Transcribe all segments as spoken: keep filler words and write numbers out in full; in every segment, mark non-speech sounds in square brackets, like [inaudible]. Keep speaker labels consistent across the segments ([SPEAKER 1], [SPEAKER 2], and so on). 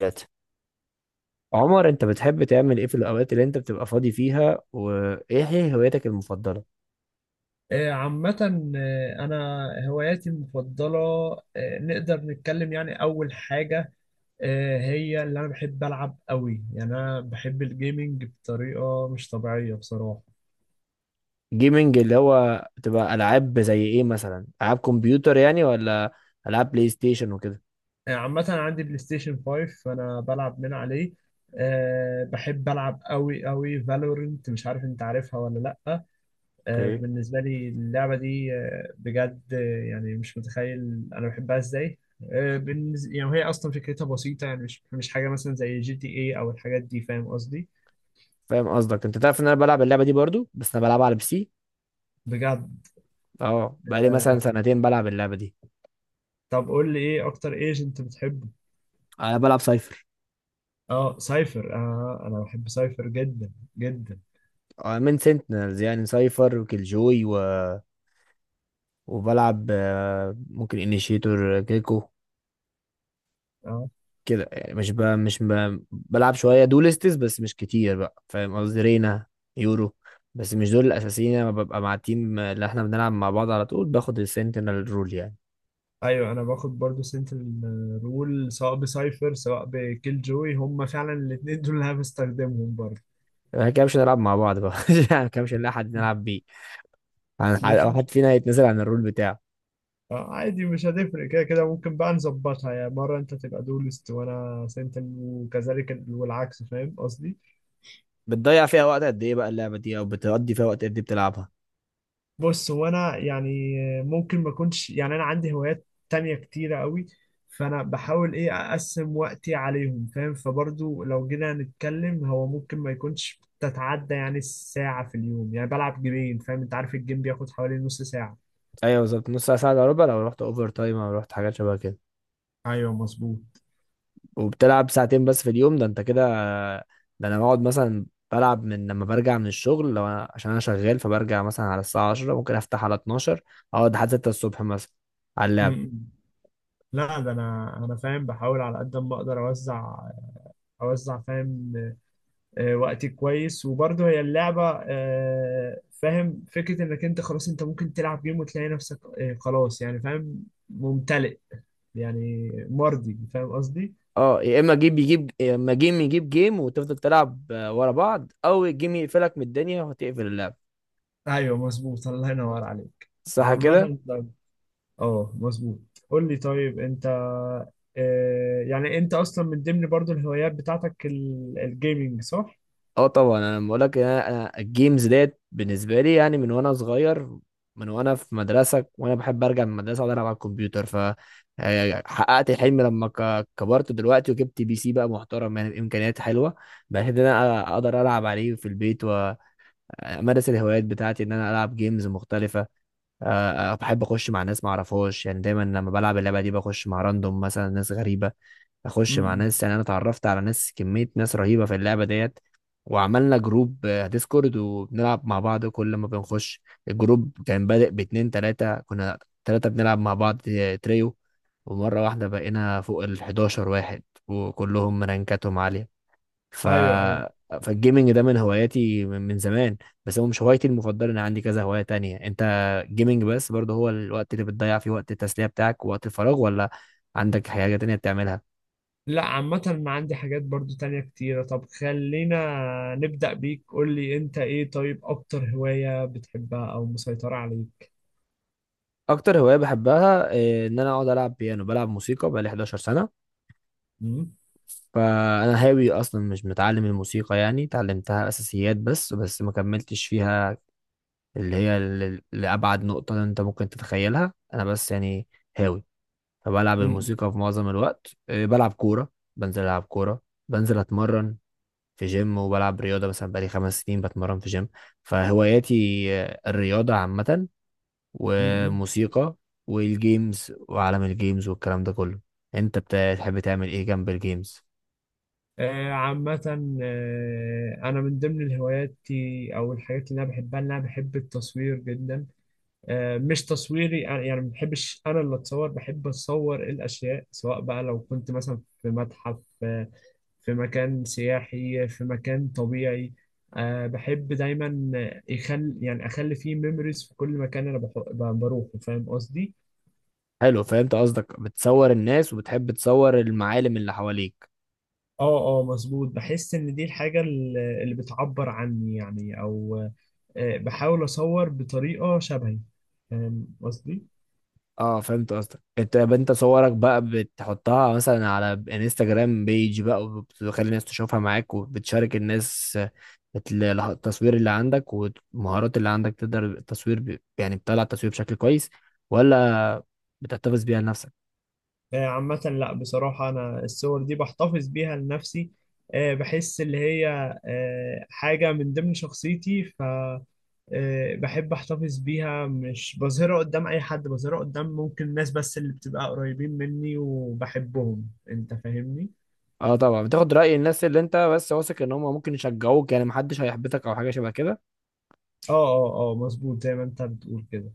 [SPEAKER 1] ثلاثة. عمر، انت بتحب تعمل ايه في الاوقات اللي انت بتبقى فاضي فيها، وايه هي هوايتك المفضلة؟
[SPEAKER 2] آه، عامة. آه، أنا هواياتي المفضلة. آه، نقدر نتكلم يعني أول حاجة. آه، هي اللي أنا بحب ألعب قوي، يعني أنا بحب الجيمنج بطريقة مش طبيعية بصراحة.
[SPEAKER 1] جيمنج اللي هو بتبقى العاب زي ايه مثلا؟ العاب كمبيوتر يعني، ولا العاب بلاي ستيشن وكده؟
[SPEAKER 2] آه، عامة أنا عندي بلاي ستيشن فايف فأنا بلعب من عليه. آه، بحب ألعب قوي قوي فالورنت، مش عارف أنت عارفها ولا لأ؟ آه،
[SPEAKER 1] اوكي.
[SPEAKER 2] بالنسبة لي اللعبة دي آه، بجد آه، يعني مش متخيل أنا بحبها إزاي. آه، بالنز- يعني وهي أصلا فكرتها بسيطة، يعني مش مش حاجة مثلا زي جي تي إيه أو الحاجات دي، فاهم قصدي؟
[SPEAKER 1] فاهم قصدك. انت تعرف ان انا بلعب اللعبة دي برضو، بس انا بلعبها على بي سي.
[SPEAKER 2] بجد.
[SPEAKER 1] اه، بقالي مثلا
[SPEAKER 2] آه،
[SPEAKER 1] سنتين بلعب اللعبة دي.
[SPEAKER 2] طب قول لي إيه أكتر ايجنت بتحبه؟
[SPEAKER 1] انا بلعب سايفر.
[SPEAKER 2] أه سايفر، أه أنا بحب سايفر جدا جدا.
[SPEAKER 1] اه، من سنتينلز يعني سايفر وكيلجوي و... وبلعب آه، ممكن انيشيتور كيكو
[SPEAKER 2] أه
[SPEAKER 1] كده يعني. مش ب... مش ب... بلعب شويه دولستس بس مش كتير بقى، فاهم قصدي؟ رينا، يورو، بس مش دول الاساسيين. انا ببقى مع التيم اللي احنا بنلعب مع بعض على طول، باخد السنتينل رول يعني.
[SPEAKER 2] أيوه، أنا باخد برضو سنترال رول سواء بسايفر سواء بكيل جوي، هما فعلا الاتنين دول اللي أنا بستخدمهم برضو.
[SPEAKER 1] احنا كده مش هنلعب مع بعض بقى. [laughs] يعني كده مش هنلاقي حد نلعب بيه. عن-
[SPEAKER 2] مش
[SPEAKER 1] او حد فينا هيتنزل عن الرول بتاعه.
[SPEAKER 2] آه، عادي مش هتفرق كده كده، ممكن بقى نظبطها، يعني مرة انت تبقى دولست وانا سنتر وكذلك ال- والعكس، فاهم قصدي؟
[SPEAKER 1] بتضيع فيها وقت قد ايه بقى اللعبه دي، او بتقضي فيها وقت قد ايه بتلعبها؟
[SPEAKER 2] بص وانا يعني ممكن ما اكونش، يعني انا عندي هوايات تانية كتيرة قوي، فانا بحاول ايه اقسم وقتي عليهم فاهم، فبرضو لو جينا نتكلم هو ممكن ما يكونش تتعدى يعني الساعة في اليوم، يعني بلعب جيمين فاهم، انت عارف الجيم بياخد حوالي نص ساعة.
[SPEAKER 1] ايوه، بالظبط. نص ساعه ساعه الا ربع لو رحت اوفر تايم او رحت حاجات شبه كده.
[SPEAKER 2] ايوه مظبوط.
[SPEAKER 1] وبتلعب ساعتين بس في اليوم، ده انت كده؟ ده انا بقعد مثلا بلعب من لما برجع من الشغل، لو انا عشان انا شغال، فبرجع مثلا على الساعة عشرة، ممكن افتح على اتناشر، اقعد لحد ستة الصبح مثلا على
[SPEAKER 2] م-
[SPEAKER 1] اللعب.
[SPEAKER 2] م. لا ده انا انا فاهم، بحاول على قد ما اقدر اوزع اوزع فاهم آه، وقتي كويس، وبرضه هي اللعبه آه، فاهم فكره انك انت خلاص انت ممكن تلعب جيم وتلاقي نفسك آه، خلاص يعني فاهم ممتلئ يعني مرضي، فاهم قصدي؟
[SPEAKER 1] اه، يا اما جيب يجيب، يا اما جيم يجيب جيم، وتفضل تلعب آه، ورا بعض، او الجيم يقفلك من الدنيا وتقفل اللعب.
[SPEAKER 2] ايوه مظبوط، الله ينور عليك.
[SPEAKER 1] صح كده.
[SPEAKER 2] عامه طيب. اه مظبوط. قول لي طيب انت آه، يعني انت اصلا من ضمن برضه الهوايات بتاعتك ال- الجيمينج، صح؟
[SPEAKER 1] اه طبعا، انا بقول لك، انا أنا الجيمز ديت بالنسبه لي يعني من وانا صغير، من وانا في مدرسه وانا بحب ارجع من المدرسه اقعد العب على الكمبيوتر. ف آه، حققت الحلم لما ك- كبرت دلوقتي، وجبت بي سي بقى محترم يعني بامكانيات حلوه، بحيث ان انا اقدر العب عليه في البيت وامارس الهوايات بتاعتي، ان انا العب جيمز مختلفه. آه، بحب اخش مع ناس ما اعرفهاش، يعني دايما لما بلعب اللعبه دي بخش مع راندوم مثلا، ناس غريبه، اخش مع
[SPEAKER 2] امم
[SPEAKER 1] ناس. يعني انا اتعرفت على ناس، كميه ناس رهيبه في اللعبه ديت، وعملنا جروب آه، ديسكورد، وبنلعب مع بعض كل ما بنخش. الجروب كان بادئ باتنين تلاته كنا، تلاته بنلعب مع بعض آه، تريو، ومره واحده بقينا فوق ال حداشر واحد وكلهم رانكاتهم عاليه. ف
[SPEAKER 2] ايوه.
[SPEAKER 1] فالجيمنج ده من هواياتي من من زمان، بس هو مش هوايتي المفضله. انا عندي كذا هوايه تانية. انت جيمنج بس برضه هو الوقت اللي بتضيع فيه، وقت التسليه بتاعك ووقت الفراغ، ولا عندك حاجه تانية بتعملها؟
[SPEAKER 2] لا عامة ما عندي حاجات برضو تانية كتيرة، طب خلينا نبدأ بيك، قول لي انت ايه طيب اكتر هواية بتحبها او مسيطرة عليك؟
[SPEAKER 1] اكتر هوايه بحبها آه، ان انا اقعد العب بيانو. بلعب موسيقى بقالي حداشر سنة سنه،
[SPEAKER 2] مم؟
[SPEAKER 1] فانا هاوي اصلا، مش متعلم الموسيقى. يعني اتعلمتها اساسيات بس بس ما كملتش فيها، اللي هي ل- لابعد نقطه انت ممكن تتخيلها. انا بس يعني هاوي، فبلعب
[SPEAKER 2] مم.
[SPEAKER 1] الموسيقى في معظم الوقت. إيه، بلعب كورة، بنزل ألعب كورة، بنزل أتمرن في جيم، وبلعب رياضة. مثلا بقالي خمس سنين بتمرن في جيم. فهواياتي آه، الرياضة عامة،
[SPEAKER 2] مم.
[SPEAKER 1] وموسيقى، والجيمز وعالم الجيمز والكلام ده كله. انت بتحب تعمل ايه جنب الجيمز؟
[SPEAKER 2] آه عامة، آه انا من ضمن الهوايات او الحاجات اللي انا بحبها ان انا بحب التصوير جدا. آه مش تصويري، يعني ما بحبش انا اللي اتصور، بحب اتصور الاشياء سواء بقى لو كنت مثلا في متحف آه، في مكان سياحي في مكان طبيعي. أه بحب دايما يخل، يعني اخلي فيه ميموريز في كل مكان انا بح- ب- بروحه، فاهم قصدي؟
[SPEAKER 1] حلو. فهمت قصدك، بتصور الناس وبتحب تصور المعالم اللي حواليك.
[SPEAKER 2] اه اه مظبوط، بحس ان دي الحاجة ال- اللي بتعبر عني يعني، او أه بحاول اصور بطريقة شبهي، فاهم قصدي؟
[SPEAKER 1] اه، فهمت قصدك. انت يبقى انت صورك بقى بتحطها مثلا على انستجرام بيج بقى، وبتخلي الناس تشوفها معاك، وبتشارك الناس بتل- التصوير اللي عندك والمهارات اللي عندك، تقدر التصوير ب... يعني بتطلع التصوير بشكل كويس، ولا بتحتفظ بيها لنفسك؟
[SPEAKER 2] آه، عامة لا بصراحة أنا الصور دي بحتفظ بيها لنفسي. آه، بحس اللي هي آه، حاجة من ضمن شخصيتي ف آه، بحب أحتفظ بيها مش بظهرها قدام أي حد، بظهرها قدام ممكن الناس بس اللي بتبقى قريبين مني وبحبهم، أنت فاهمني؟
[SPEAKER 1] اه طبعا، بتاخد رأي الناس اللي انت بس واثق ان هم ممكن يشجعوك، يعني محدش هيحبطك او حاجة شبه كده.
[SPEAKER 2] اه اه اه مظبوط، زي ما أنت بتقول كده.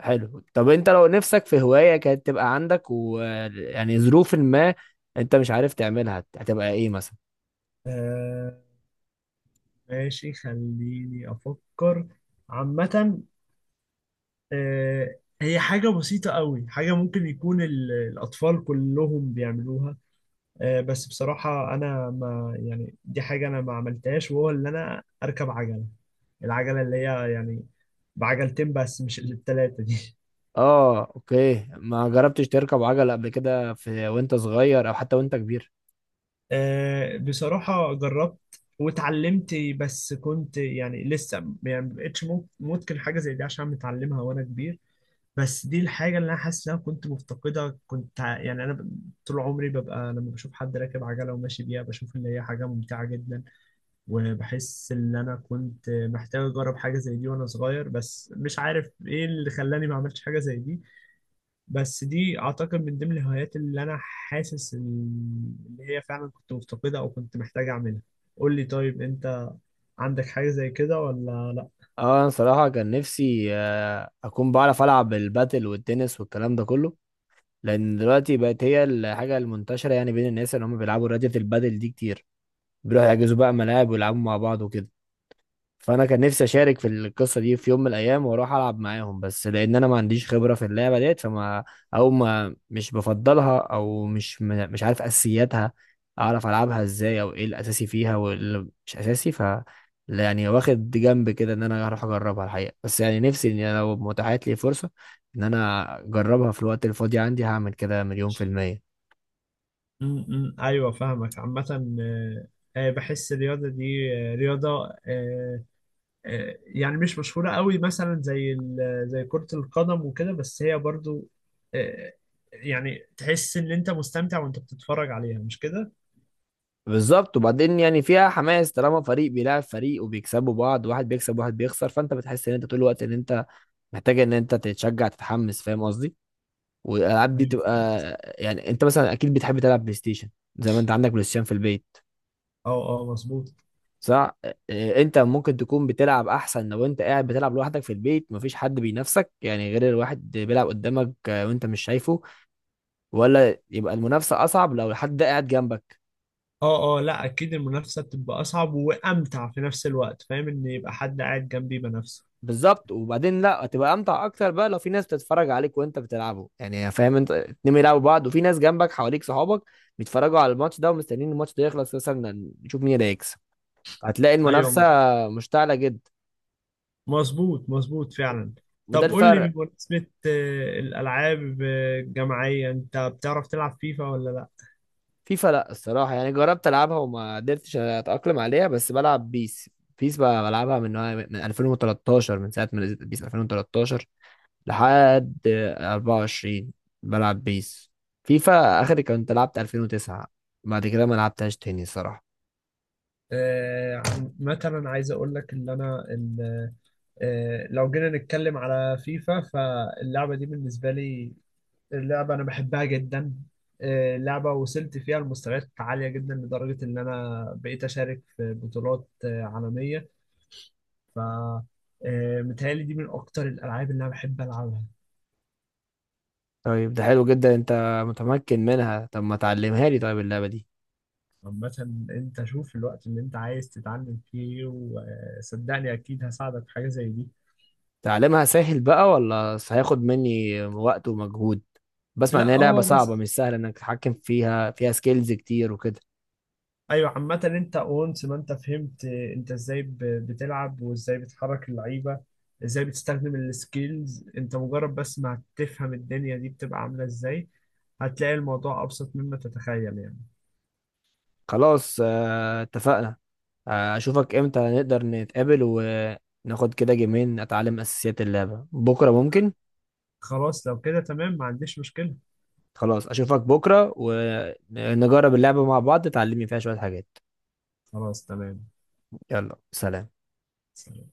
[SPEAKER 1] حلو. طب انت لو نفسك في هواية كانت تبقى عندك، ويعني ظروف ما، انت مش عارف تعملها، هتبقى ايه مثلا؟
[SPEAKER 2] آه، ماشي خليني أفكر. عامة آه، هي حاجة بسيطة قوي، حاجة ممكن يكون ال- الأطفال كلهم بيعملوها آه، بس بصراحة أنا ما يعني دي حاجة أنا ما عملتهاش، وهو اللي أنا أركب عجلة، العجلة اللي هي يعني بعجلتين بس مش التلاتة دي.
[SPEAKER 1] اه اوكي، ما جربتش تركب عجلة قبل كده في وانت صغير، او حتى وانت كبير؟
[SPEAKER 2] [laughs] آه، بصراحة جربت واتعلمت، بس كنت يعني لسه، يعني ما بقتش مم- ممكن حاجة زي دي عشان متعلمها وأنا كبير. بس دي الحاجة اللي أنا حاسس إن أنا كنت مفتقدة، كنت ع- يعني أنا ب- طول عمري ببقى لما بشوف حد راكب عجلة وماشي بيها بشوف إن هي حاجة ممتعة جدا، وبحس ان انا كنت محتاج اجرب حاجه زي دي وانا صغير، بس مش عارف ايه اللي خلاني ما عملتش حاجه زي دي. بس دي اعتقد من ضمن الهوايات اللي انا حاسس ان إن هي فعلا كنت مفتقدها او كنت محتاج اعملها. قول لي طيب انت، عندك حاجه زي كده ولا لا؟
[SPEAKER 1] اه، انا صراحة كان نفسي آه، اكون بعرف العب الباتل والتنس والكلام ده كله، لان دلوقتي بقت هي الحاجة المنتشرة يعني بين الناس، اللي هم بيلعبوا رياضة البادل دي كتير، بيروحوا يحجزوا بقى ملاعب ويلعبوا مع بعض وكده. فانا كان نفسي اشارك في القصه دي في يوم من الايام، واروح العب معاهم، بس لان انا ما عنديش خبره في اللعبه ديت، فما او ما، مش بفضلها، او مش م- مش عارف اساسياتها، اعرف العبها ازاي، او ايه الاساسي فيها واللي مش اساسي. ف لا يعني، واخد جنب كده ان انا هروح اجربها الحقيقه، بس يعني نفسي ان أنا لو متاحت لي فرصه ان انا اجربها في الوقت الفاضي عندي، هعمل كده مليون في الميه.
[SPEAKER 2] امم ايوه فاهمك. عامه آه، آه، بحس الرياضه دي آه، رياضه آه، آه، يعني مش مشهورة قوي مثلا زي ال- زي كرة القدم وكده، بس هي برضو آه، يعني تحس ان انت مستمتع وانت بتتفرج عليها، مش كده؟
[SPEAKER 1] بالظبط. وبعدين يعني فيها حماس، طالما فريق بيلعب فريق وبيكسبوا بعض، واحد بيكسب واحد بيخسر، فانت بتحس ان انت طول الوقت ان انت محتاجه ان انت تتشجع تتحمس، فاهم قصدي؟ والالعاب دي
[SPEAKER 2] ايوه
[SPEAKER 1] تبقى
[SPEAKER 2] فاهم قصدك.
[SPEAKER 1] يعني. انت مثلا اكيد بتحب تلعب بلاي ستيشن، زي ما انت عندك بلاي ستيشن في البيت،
[SPEAKER 2] اه اه مظبوط.
[SPEAKER 1] صح؟ آه، انت ممكن تكون بتلعب احسن لو انت قاعد بتلعب لوحدك في البيت، مفيش حد بينافسك، يعني غير الواحد بيلعب قدامك آه، وانت مش شايفه، ولا يبقى المنافسه اصعب لو حد قاعد جنبك؟
[SPEAKER 2] اه اه لا اكيد المنافسة بتبقى اصعب وامتع في نفس الوقت، فاهم ان يبقى حد قاعد جنبي بنفسه.
[SPEAKER 1] بالظبط. وبعدين لا، هتبقى امتع اكتر بقى لو في ناس بتتفرج عليك وانت بتلعبه، يعني فاهم، انت اتنين بيلعبوا بعض وفي ناس جنبك حواليك، صحابك بيتفرجوا على الماتش ده، ومستنيين الماتش ده يخلص مثلا نشوف مين اللي هيكسب، هتلاقي
[SPEAKER 2] ايوه
[SPEAKER 1] المنافسه
[SPEAKER 2] م-
[SPEAKER 1] مشتعله جدا.
[SPEAKER 2] مظبوط مظبط فعلا.
[SPEAKER 1] وده
[SPEAKER 2] طب قول لي
[SPEAKER 1] الفرق.
[SPEAKER 2] بمناسبة آه، الالعاب آه، الجماعية، انت بتعرف تلعب فيفا ولا لا؟
[SPEAKER 1] فيفا لا الصراحه، يعني جربت العبها وما قدرتش اتاقلم عليها، بس بلعب بيس. بيس بقى بلعبها من من ألفين وتلتاشر، من ساعه ما نزلت بيس ألفين وتلتاشر لحد أربعة وعشرين، بلعب بيس. فيفا آخر كنت لعبت ألفين وتسعة، بعد كده ما لعبتهاش تاني الصراحة.
[SPEAKER 2] آه، عن- مثلا عايز اقول لك ان انا آه، لو جينا نتكلم على فيفا فاللعبة دي بالنسبة لي، اللعبة أنا بحبها جدا. آه، لعبة وصلت فيها لمستويات عالية جدا لدرجة إن أنا بقيت أشارك في بطولات آه، عالمية ف آه، متهيألي دي من أكتر الألعاب اللي أنا بحب ألعبها.
[SPEAKER 1] طيب ده حلو جدا، انت متمكن منها. طب ما تعلمها لي طيب اللعبة دي.
[SPEAKER 2] عامة أنت شوف الوقت اللي أنت عايز تتعلم فيه، وصدقني أكيد هساعدك في حاجة زي دي.
[SPEAKER 1] تعلمها سهل بقى، ولا هياخد مني وقت ومجهود؟ بسمع ان
[SPEAKER 2] لا
[SPEAKER 1] هي لعبة
[SPEAKER 2] هو
[SPEAKER 1] صعبة،
[SPEAKER 2] بس.
[SPEAKER 1] مش سهلة انك تتحكم فيها، فيها سكيلز كتير وكده.
[SPEAKER 2] ايوه عامة انت اونس ما انت فهمت انت ازاي ب- بتلعب وازاي بتحرك اللعيبة، ازاي بتستخدم السكيلز، انت مجرد بس ما هتفهم الدنيا دي بتبقى عاملة ازاي، هتلاقي الموضوع ابسط مما تتخيل يعني.
[SPEAKER 1] خلاص آه، اتفقنا. آه، اشوفك امتى نقدر نتقابل، وناخد كده جيمين اتعلم اساسيات اللعبة. بكرة ممكن؟
[SPEAKER 2] خلاص لو كده تمام، ما عنديش مشكلة.
[SPEAKER 1] خلاص اشوفك بكرة، ونجرب اللعبة مع بعض، تعلمني فيها شوية حاجات.
[SPEAKER 2] خلاص تمام.
[SPEAKER 1] يلا سلام.
[SPEAKER 2] سلام.